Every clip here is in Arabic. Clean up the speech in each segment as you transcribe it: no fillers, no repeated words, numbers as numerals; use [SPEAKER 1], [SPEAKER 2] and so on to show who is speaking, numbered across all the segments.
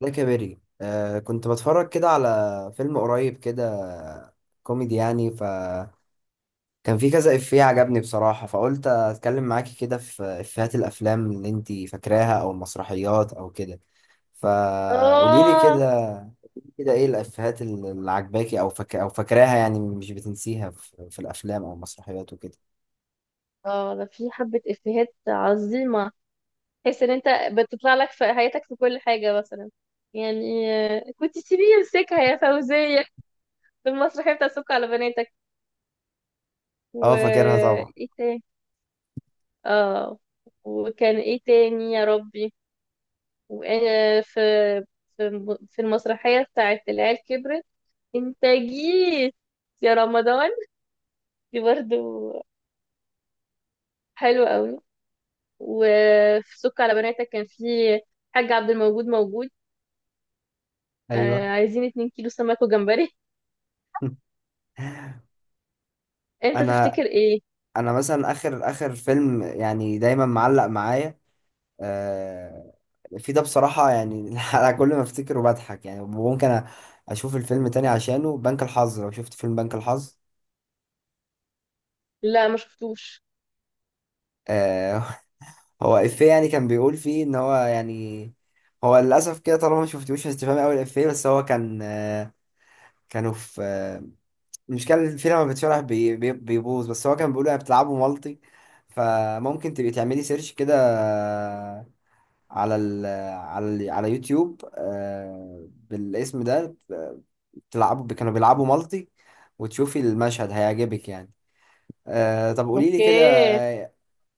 [SPEAKER 1] ده كبري كنت بتفرج كده على فيلم قريب كده كوميدي يعني، فكان في كذا إفيه عجبني بصراحة، فقلت أتكلم معاكي كده في إفيهات الأفلام اللي أنتي فاكراها أو المسرحيات أو كده. فقولي لي
[SPEAKER 2] اه،
[SPEAKER 1] كده، كده إيه الإفيهات اللي عجباكي أو فاكراها، يعني مش بتنسيها في الأفلام أو المسرحيات وكده؟
[SPEAKER 2] اه، ده في حبة افيهات عظيمة. تحس ان انت بتطلع لك في حياتك في كل حاجة مثلا. يعني كنت سيبيه يمسكها يا فوزية، في المسرحية بتاع سك على بناتك. و
[SPEAKER 1] أه، فاكرها طبعا.
[SPEAKER 2] ايه تاني؟ اه، وكان ايه تاني يا ربي؟ وانا في في في المسرحية بتاعت العيال كبرت، انت جيت يا رمضان. دي برضو حلوة قوي. وفي سك على بناتك كان في حاج عبد الموجود، موجود.
[SPEAKER 1] أيوه.
[SPEAKER 2] عايزين 2 كيلو سمك وجمبري. انت
[SPEAKER 1] انا
[SPEAKER 2] تفتكر ايه؟
[SPEAKER 1] انا مثلا اخر اخر فيلم يعني دايما معلق معايا، آه، في ده بصراحة يعني. أنا كل ما أفتكره بضحك يعني، ممكن أشوف الفيلم تاني، عشانه بنك الحظ، لو شفت فيلم بنك الحظ.
[SPEAKER 2] لا، ما شفتوش.
[SPEAKER 1] آه، هو إفيه يعني كان بيقول فيه إن هو يعني، هو للأسف كده طالما ما شفتوش هتفهمي أوي الإفيه، بس هو كان كانوا في، المشكلة إن الفيلم لما بتشرح بيبوظ، بس هو كان بيقول يعني بتلعبوا مالتي، فممكن تبقي تعملي سيرش كده. آه، على ال على ال على يوتيوب، بالاسم ده. كانوا بيلعبوا مالتي، وتشوفي المشهد هيعجبك يعني. آه، طب قولي لي
[SPEAKER 2] اوكي.
[SPEAKER 1] كده.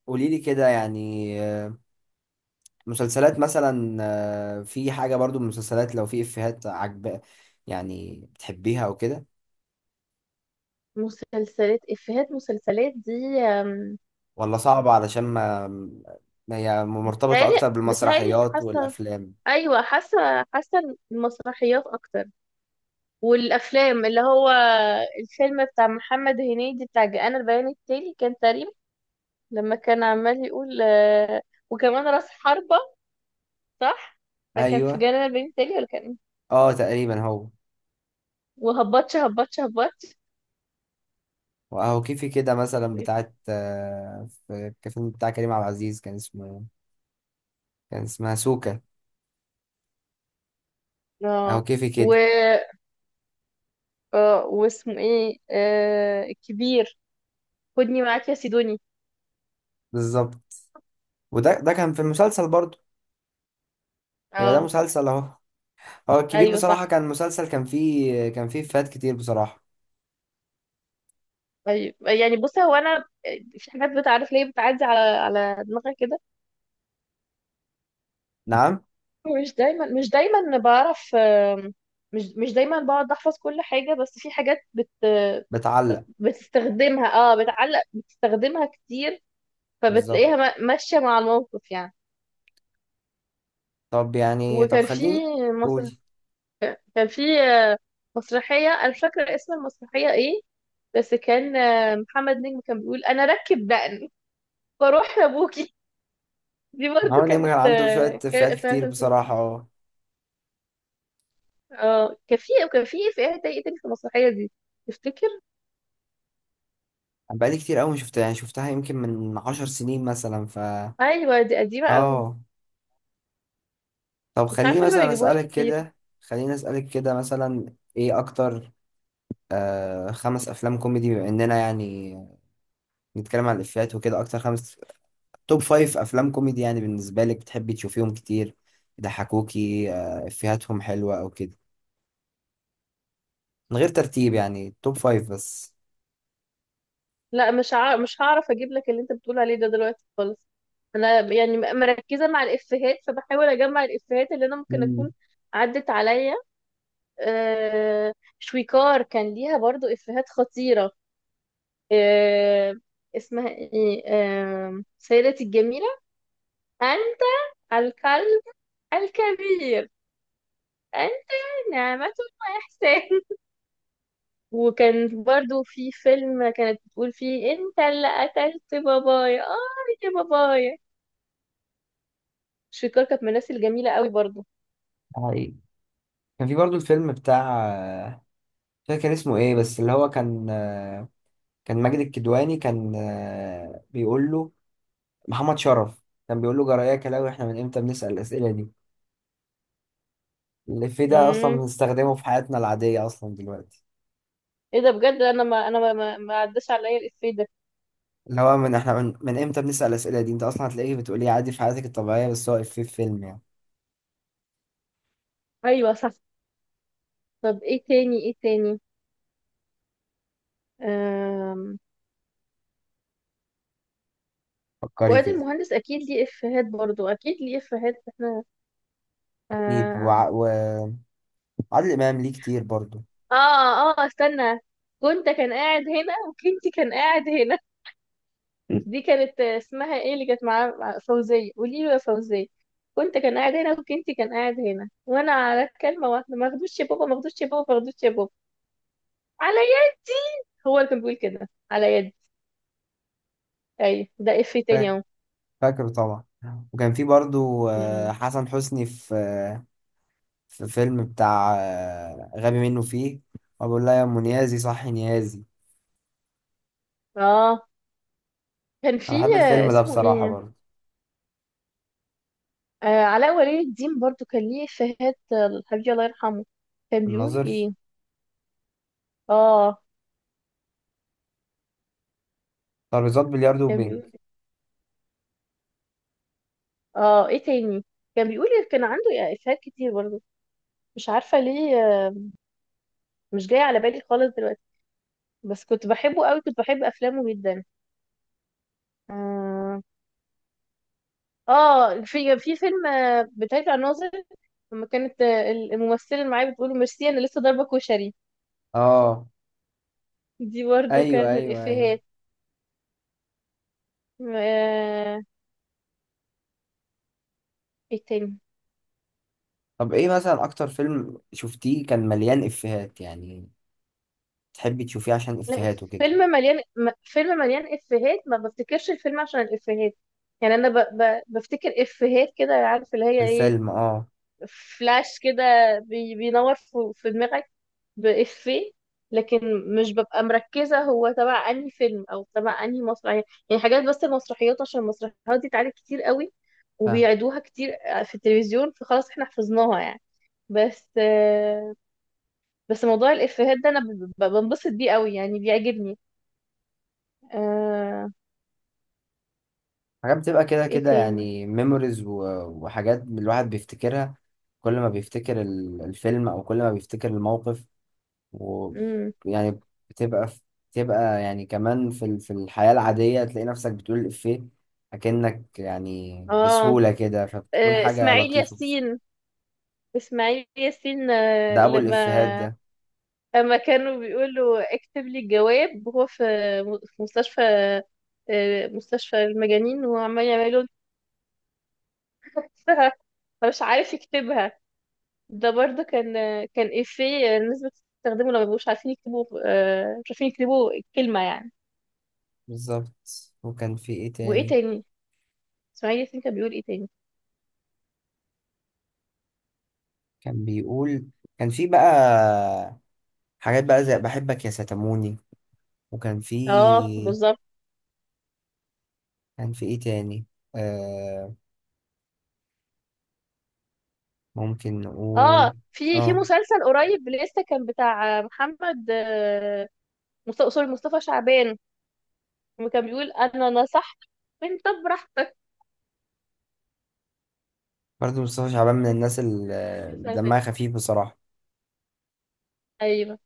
[SPEAKER 1] قولي لي كده يعني، مسلسلات مثلا، في حاجة برضو من المسلسلات، لو في إفيهات يعني بتحبيها أو كده؟
[SPEAKER 2] مسلسلات، افيهات مسلسلات دي، آم،
[SPEAKER 1] ولا صعبة علشان ما هي مرتبطة
[SPEAKER 2] بتهيألي،
[SPEAKER 1] أكتر بالمسرحيات
[SPEAKER 2] حاسه.
[SPEAKER 1] والأفلام؟
[SPEAKER 2] ايوه، حاسه، المسرحيات اكتر. والافلام اللي هو الفيلم بتاع محمد هنيدي بتاع جاءنا البيان التالي، كان تقريبا لما كان عمال يقول وكمان راس حربة. صح، ده كان في
[SPEAKER 1] أيوه،
[SPEAKER 2] جاءنا البيان التالي ولا كان إيه؟
[SPEAKER 1] أه تقريبا هو.
[SPEAKER 2] وهبطش هبطش هبطش.
[SPEAKER 1] وأهو كيفي كده، مثلا بتاعت، في الفيلم بتاع كريم عبد العزيز كان اسمه، كان اسمها سوكا. أهو
[SPEAKER 2] اه.
[SPEAKER 1] كيفي
[SPEAKER 2] و
[SPEAKER 1] كده.
[SPEAKER 2] واسمه ايه الكبير، خدني معاك يا سيدوني.
[SPEAKER 1] بالظبط. وده كان في المسلسل برضه. يبقى ده
[SPEAKER 2] اه.
[SPEAKER 1] مسلسل اهو. هو الكبير
[SPEAKER 2] ايوه
[SPEAKER 1] بصراحة
[SPEAKER 2] صح.
[SPEAKER 1] كان مسلسل كان فيه فات كتير بصراحة.
[SPEAKER 2] ايوه يعني، بص هو انا في حاجات بتعرف ليه بتعدي على دماغي كده.
[SPEAKER 1] نعم.
[SPEAKER 2] مش دايما مش دايما بعرف. مش دايما بقعد احفظ كل حاجه، بس في حاجات
[SPEAKER 1] بتعلق.
[SPEAKER 2] بتستخدمها. اه، بتعلق، بتستخدمها كتير.
[SPEAKER 1] بالظبط.
[SPEAKER 2] فبتلاقيها ماشيه مع الموقف يعني.
[SPEAKER 1] طب يعني، طب
[SPEAKER 2] وكان في
[SPEAKER 1] خليني قولي.
[SPEAKER 2] كان في مسرحية، أنا مش فاكرة اسم المسرحية إيه، بس كان محمد نجم كان بيقول أنا أركب دقن وأروح لأبوكي. دي برضه
[SPEAKER 1] محمد نجم
[SPEAKER 2] كانت
[SPEAKER 1] كان عنده شوية
[SPEAKER 2] كان
[SPEAKER 1] فات
[SPEAKER 2] إفيهات.
[SPEAKER 1] كتير بصراحة، اه.
[SPEAKER 2] اه، كان في إفيهات إيه تاني في المسرحية دي تفتكر؟
[SPEAKER 1] أنا بقالي كتير أوي شفتها، يعني شفتها يمكن من 10 سنين مثلا، ف...
[SPEAKER 2] أيوة، دي قديمة أوي.
[SPEAKER 1] اه. طب
[SPEAKER 2] مش عارفة ليه ما بيجيبوهاش كتير.
[SPEAKER 1] خليني أسألك كده، مثلا إيه أكتر 5 أفلام كوميدي؟ بما إننا يعني نتكلم عن الإفيهات وكده، أكتر توب فايف افلام كوميدي يعني بالنسبه لك، بتحبي تشوفيهم كتير، يضحكوكي، افيهاتهم حلوه او كده. من غير ترتيب يعني، توب فايف بس.
[SPEAKER 2] لا، مش هعرف أجيب لك اللي أنت بتقول عليه ده دلوقتي خالص. أنا يعني مركزة مع الإفيهات، فبحاول أجمع الإفيهات اللي أنا ممكن أكون
[SPEAKER 1] مم.
[SPEAKER 2] عدت عليا. آه، شويكار كان ليها برضو إفيهات خطيرة. آه، اسمها ايه سيدتي الجميلة، أنت الكلب الكبير، أنت نعمة وإحسان. وكان برضو في فيلم كانت بتقول فيه أنت اللي قتلت بابايا، آه يا بابايا. شويكار كانت من الناس الجميلة قوي برضو.
[SPEAKER 1] حقيقي. كان في برضو الفيلم بتاع، آه، مش فاكر كان اسمه ايه، بس اللي هو كان كان ماجد الكدواني كان بيقول له، محمد شرف كان بيقول له: جراياك يا كلاوي، احنا من امتى بنسأل الأسئلة دي؟ الإفيه ده أصلا
[SPEAKER 2] امم.
[SPEAKER 1] بنستخدمه في حياتنا العادية أصلا دلوقتي.
[SPEAKER 2] ايه ده بجد، انا ما عداش عليا الإفيه ده.
[SPEAKER 1] اللي هو، من احنا من امتى بنسأل الأسئلة دي، انت أصلا هتلاقيه بتقوليه عادي في حياتك الطبيعية، بس هو إفيه في فيلم يعني.
[SPEAKER 2] ايوه صح. طب ايه تاني، ايه تاني؟
[SPEAKER 1] فكري
[SPEAKER 2] فؤاد
[SPEAKER 1] كده.
[SPEAKER 2] المهندس اكيد ليه افيهات، برضو اكيد ليه افيهات احنا.
[SPEAKER 1] اكيد
[SPEAKER 2] آه,
[SPEAKER 1] وعادل امام ليه كتير برضو.
[SPEAKER 2] اه، اه، استنى. كنت كان قاعد هنا وكنت كان قاعد هنا. دي كانت اسمها ايه اللي كانت معاه مع فوزية، قولي له يا فوزية. كنت كان قاعد هنا وكنت كان قاعد هنا وانا على الكلمة واحدة، ما اخدوش يا بابا، ما اخدوش يا بابا، ما اخدوش يا بابا، على يدي. هو اللي كان بيقول كده، على يدي. ايوه، ده افيه تاني
[SPEAKER 1] فا-
[SPEAKER 2] اهو.
[SPEAKER 1] فاكره طبعا. وكان في برضو،
[SPEAKER 2] مم.
[SPEAKER 1] حسن حسني في فيلم بتاع، غبي منه فيه، وبقول لها: يا ام نيازي صحي نيازي.
[SPEAKER 2] اه، كان في
[SPEAKER 1] انا بحب الفيلم ده
[SPEAKER 2] اسمه
[SPEAKER 1] بصراحة
[SPEAKER 2] ايه
[SPEAKER 1] برضو.
[SPEAKER 2] علاء ولي الدين، برضو كان ليه إفيهات. الحبيب الله يرحمه، كان بيقول
[SPEAKER 1] الناظر،
[SPEAKER 2] ايه؟ اه،
[SPEAKER 1] ترابيزات بلياردو
[SPEAKER 2] كان
[SPEAKER 1] وبينج،
[SPEAKER 2] بيقول اه، ايه تاني كان بيقول إيه؟ كان عنده إفيهات كتير برضو، مش عارفة ليه. مش جاية على بالي خالص دلوقتي، بس كنت بحبه قوي، كنت بحب أفلامه جدا. اه. في فيلم بتاع الناظر، لما كانت الممثلة اللي معايا بتقول له ميرسي أنا لسه ضاربة كشري.
[SPEAKER 1] اه.
[SPEAKER 2] دي برضو
[SPEAKER 1] ايوه،
[SPEAKER 2] كانت من
[SPEAKER 1] ايوه، ايوه.
[SPEAKER 2] الإفيهات. آه. ايه تاني؟
[SPEAKER 1] طب ايه مثلا اكتر فيلم شفتيه كان مليان افيهات يعني، تحبي تشوفيه عشان افيهات وكده؟
[SPEAKER 2] فيلم مليان فيلم مليان افيهات. ما بفتكرش الفيلم عشان الافيهات يعني، انا بفتكر افيهات كده، عارف اللي هي ايه؟
[SPEAKER 1] الفيلم، اه،
[SPEAKER 2] فلاش كده، بينور في دماغك بافيه. لكن مش ببقى مركزة هو تبع انهي فيلم او تبع انهي مسرحية يعني. حاجات بس المسرحيات عشان المسرحيات دي اتعرضت كتير قوي وبيعيدوها كتير في التلفزيون، فخلاص احنا حفظناها يعني. بس بس موضوع الافيهات ده انا بنبسط بيه قوي، يعني بيعجبني. آه،
[SPEAKER 1] حاجات بتبقى كده
[SPEAKER 2] ايه
[SPEAKER 1] كده،
[SPEAKER 2] تاني؟
[SPEAKER 1] يعني ميموريز، وحاجات الواحد بيفتكرها كل ما بيفتكر الفيلم، او كل ما بيفتكر الموقف،
[SPEAKER 2] امم.
[SPEAKER 1] ويعني بتبقى في- بتبقى يعني كمان في في الحياة العادية تلاقي نفسك بتقول الإفيه، أكنك يعني
[SPEAKER 2] اه،
[SPEAKER 1] بسهولة كده، فبتكون حاجة
[SPEAKER 2] اسماعيل
[SPEAKER 1] لطيفة بس.
[SPEAKER 2] ياسين، اسماعيل ياسين
[SPEAKER 1] ده أبو
[SPEAKER 2] لما
[SPEAKER 1] الإفيهات ده.
[SPEAKER 2] كانوا بيقولوا اكتب لي الجواب، وهو في مستشفى، مستشفى المجانين، وهو عمال يعمل له نفسها فمش عارف يكتبها. ده برضه كان إفيه الناس بتستخدمه لما بيبقوش عارفين يكتبوا، مش عارفين يكتبوا الكلمة يعني.
[SPEAKER 1] بالظبط. وكان في إيه
[SPEAKER 2] وايه
[SPEAKER 1] تاني
[SPEAKER 2] تاني؟ اسماعيل ياسين كان بيقول ايه تاني؟
[SPEAKER 1] كان بيقول؟ كان في بقى حاجات بقى زي بحبك يا ستموني. وكان في
[SPEAKER 2] اه بالظبط.
[SPEAKER 1] كان في ايه تاني؟ آه ممكن
[SPEAKER 2] اه،
[SPEAKER 1] نقول.
[SPEAKER 2] في في
[SPEAKER 1] اه.
[SPEAKER 2] مسلسل قريب لسه كان بتاع محمد سوري، مصطفى شعبان، وكان بيقول انا نصحت، انت براحتك.
[SPEAKER 1] برضه مصطفى شعبان من
[SPEAKER 2] ده كان
[SPEAKER 1] الناس
[SPEAKER 2] لسه، ده
[SPEAKER 1] اللي
[SPEAKER 2] كان سنة اللي
[SPEAKER 1] دمها
[SPEAKER 2] فاتت.
[SPEAKER 1] خفيف بصراحة.
[SPEAKER 2] ايوه.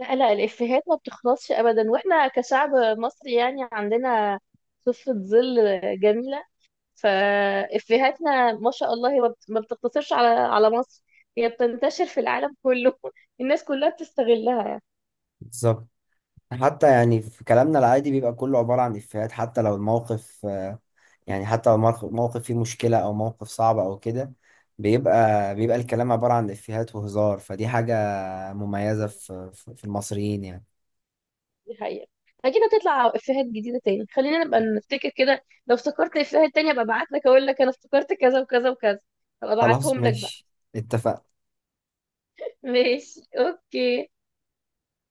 [SPEAKER 2] لا لا، الافيهات ما بتخلصش ابدا، واحنا كشعب مصري يعني عندنا صفة ظل جميلة. فافيهاتنا ما شاء الله، هي ما بتقتصرش على مصر، هي بتنتشر في العالم كله. الناس كلها بتستغلها
[SPEAKER 1] بالظبط. حتى يعني في كلامنا العادي بيبقى كله عبارة عن إفيهات، حتى لو الموقف، يعني حتى لو الموقف موقف فيه مشكلة أو موقف صعب أو كده، بيبقى الكلام عبارة عن إفيهات وهزار، فدي حاجة مميزة
[SPEAKER 2] يعني.
[SPEAKER 1] في المصريين يعني.
[SPEAKER 2] دي حقيقة. أكيد هتطلع إفيهات جديدة تاني، خلينا نبقى نفتكر كده، لو افتكرت إفيهات تانية أبقى أبعت لك، أقول لك أنا افتكرت كذا وكذا وكذا، أبقى
[SPEAKER 1] خلاص،
[SPEAKER 2] أبعتهم لك بقى.
[SPEAKER 1] ماشي، اتفقنا.
[SPEAKER 2] ماشي، أوكي.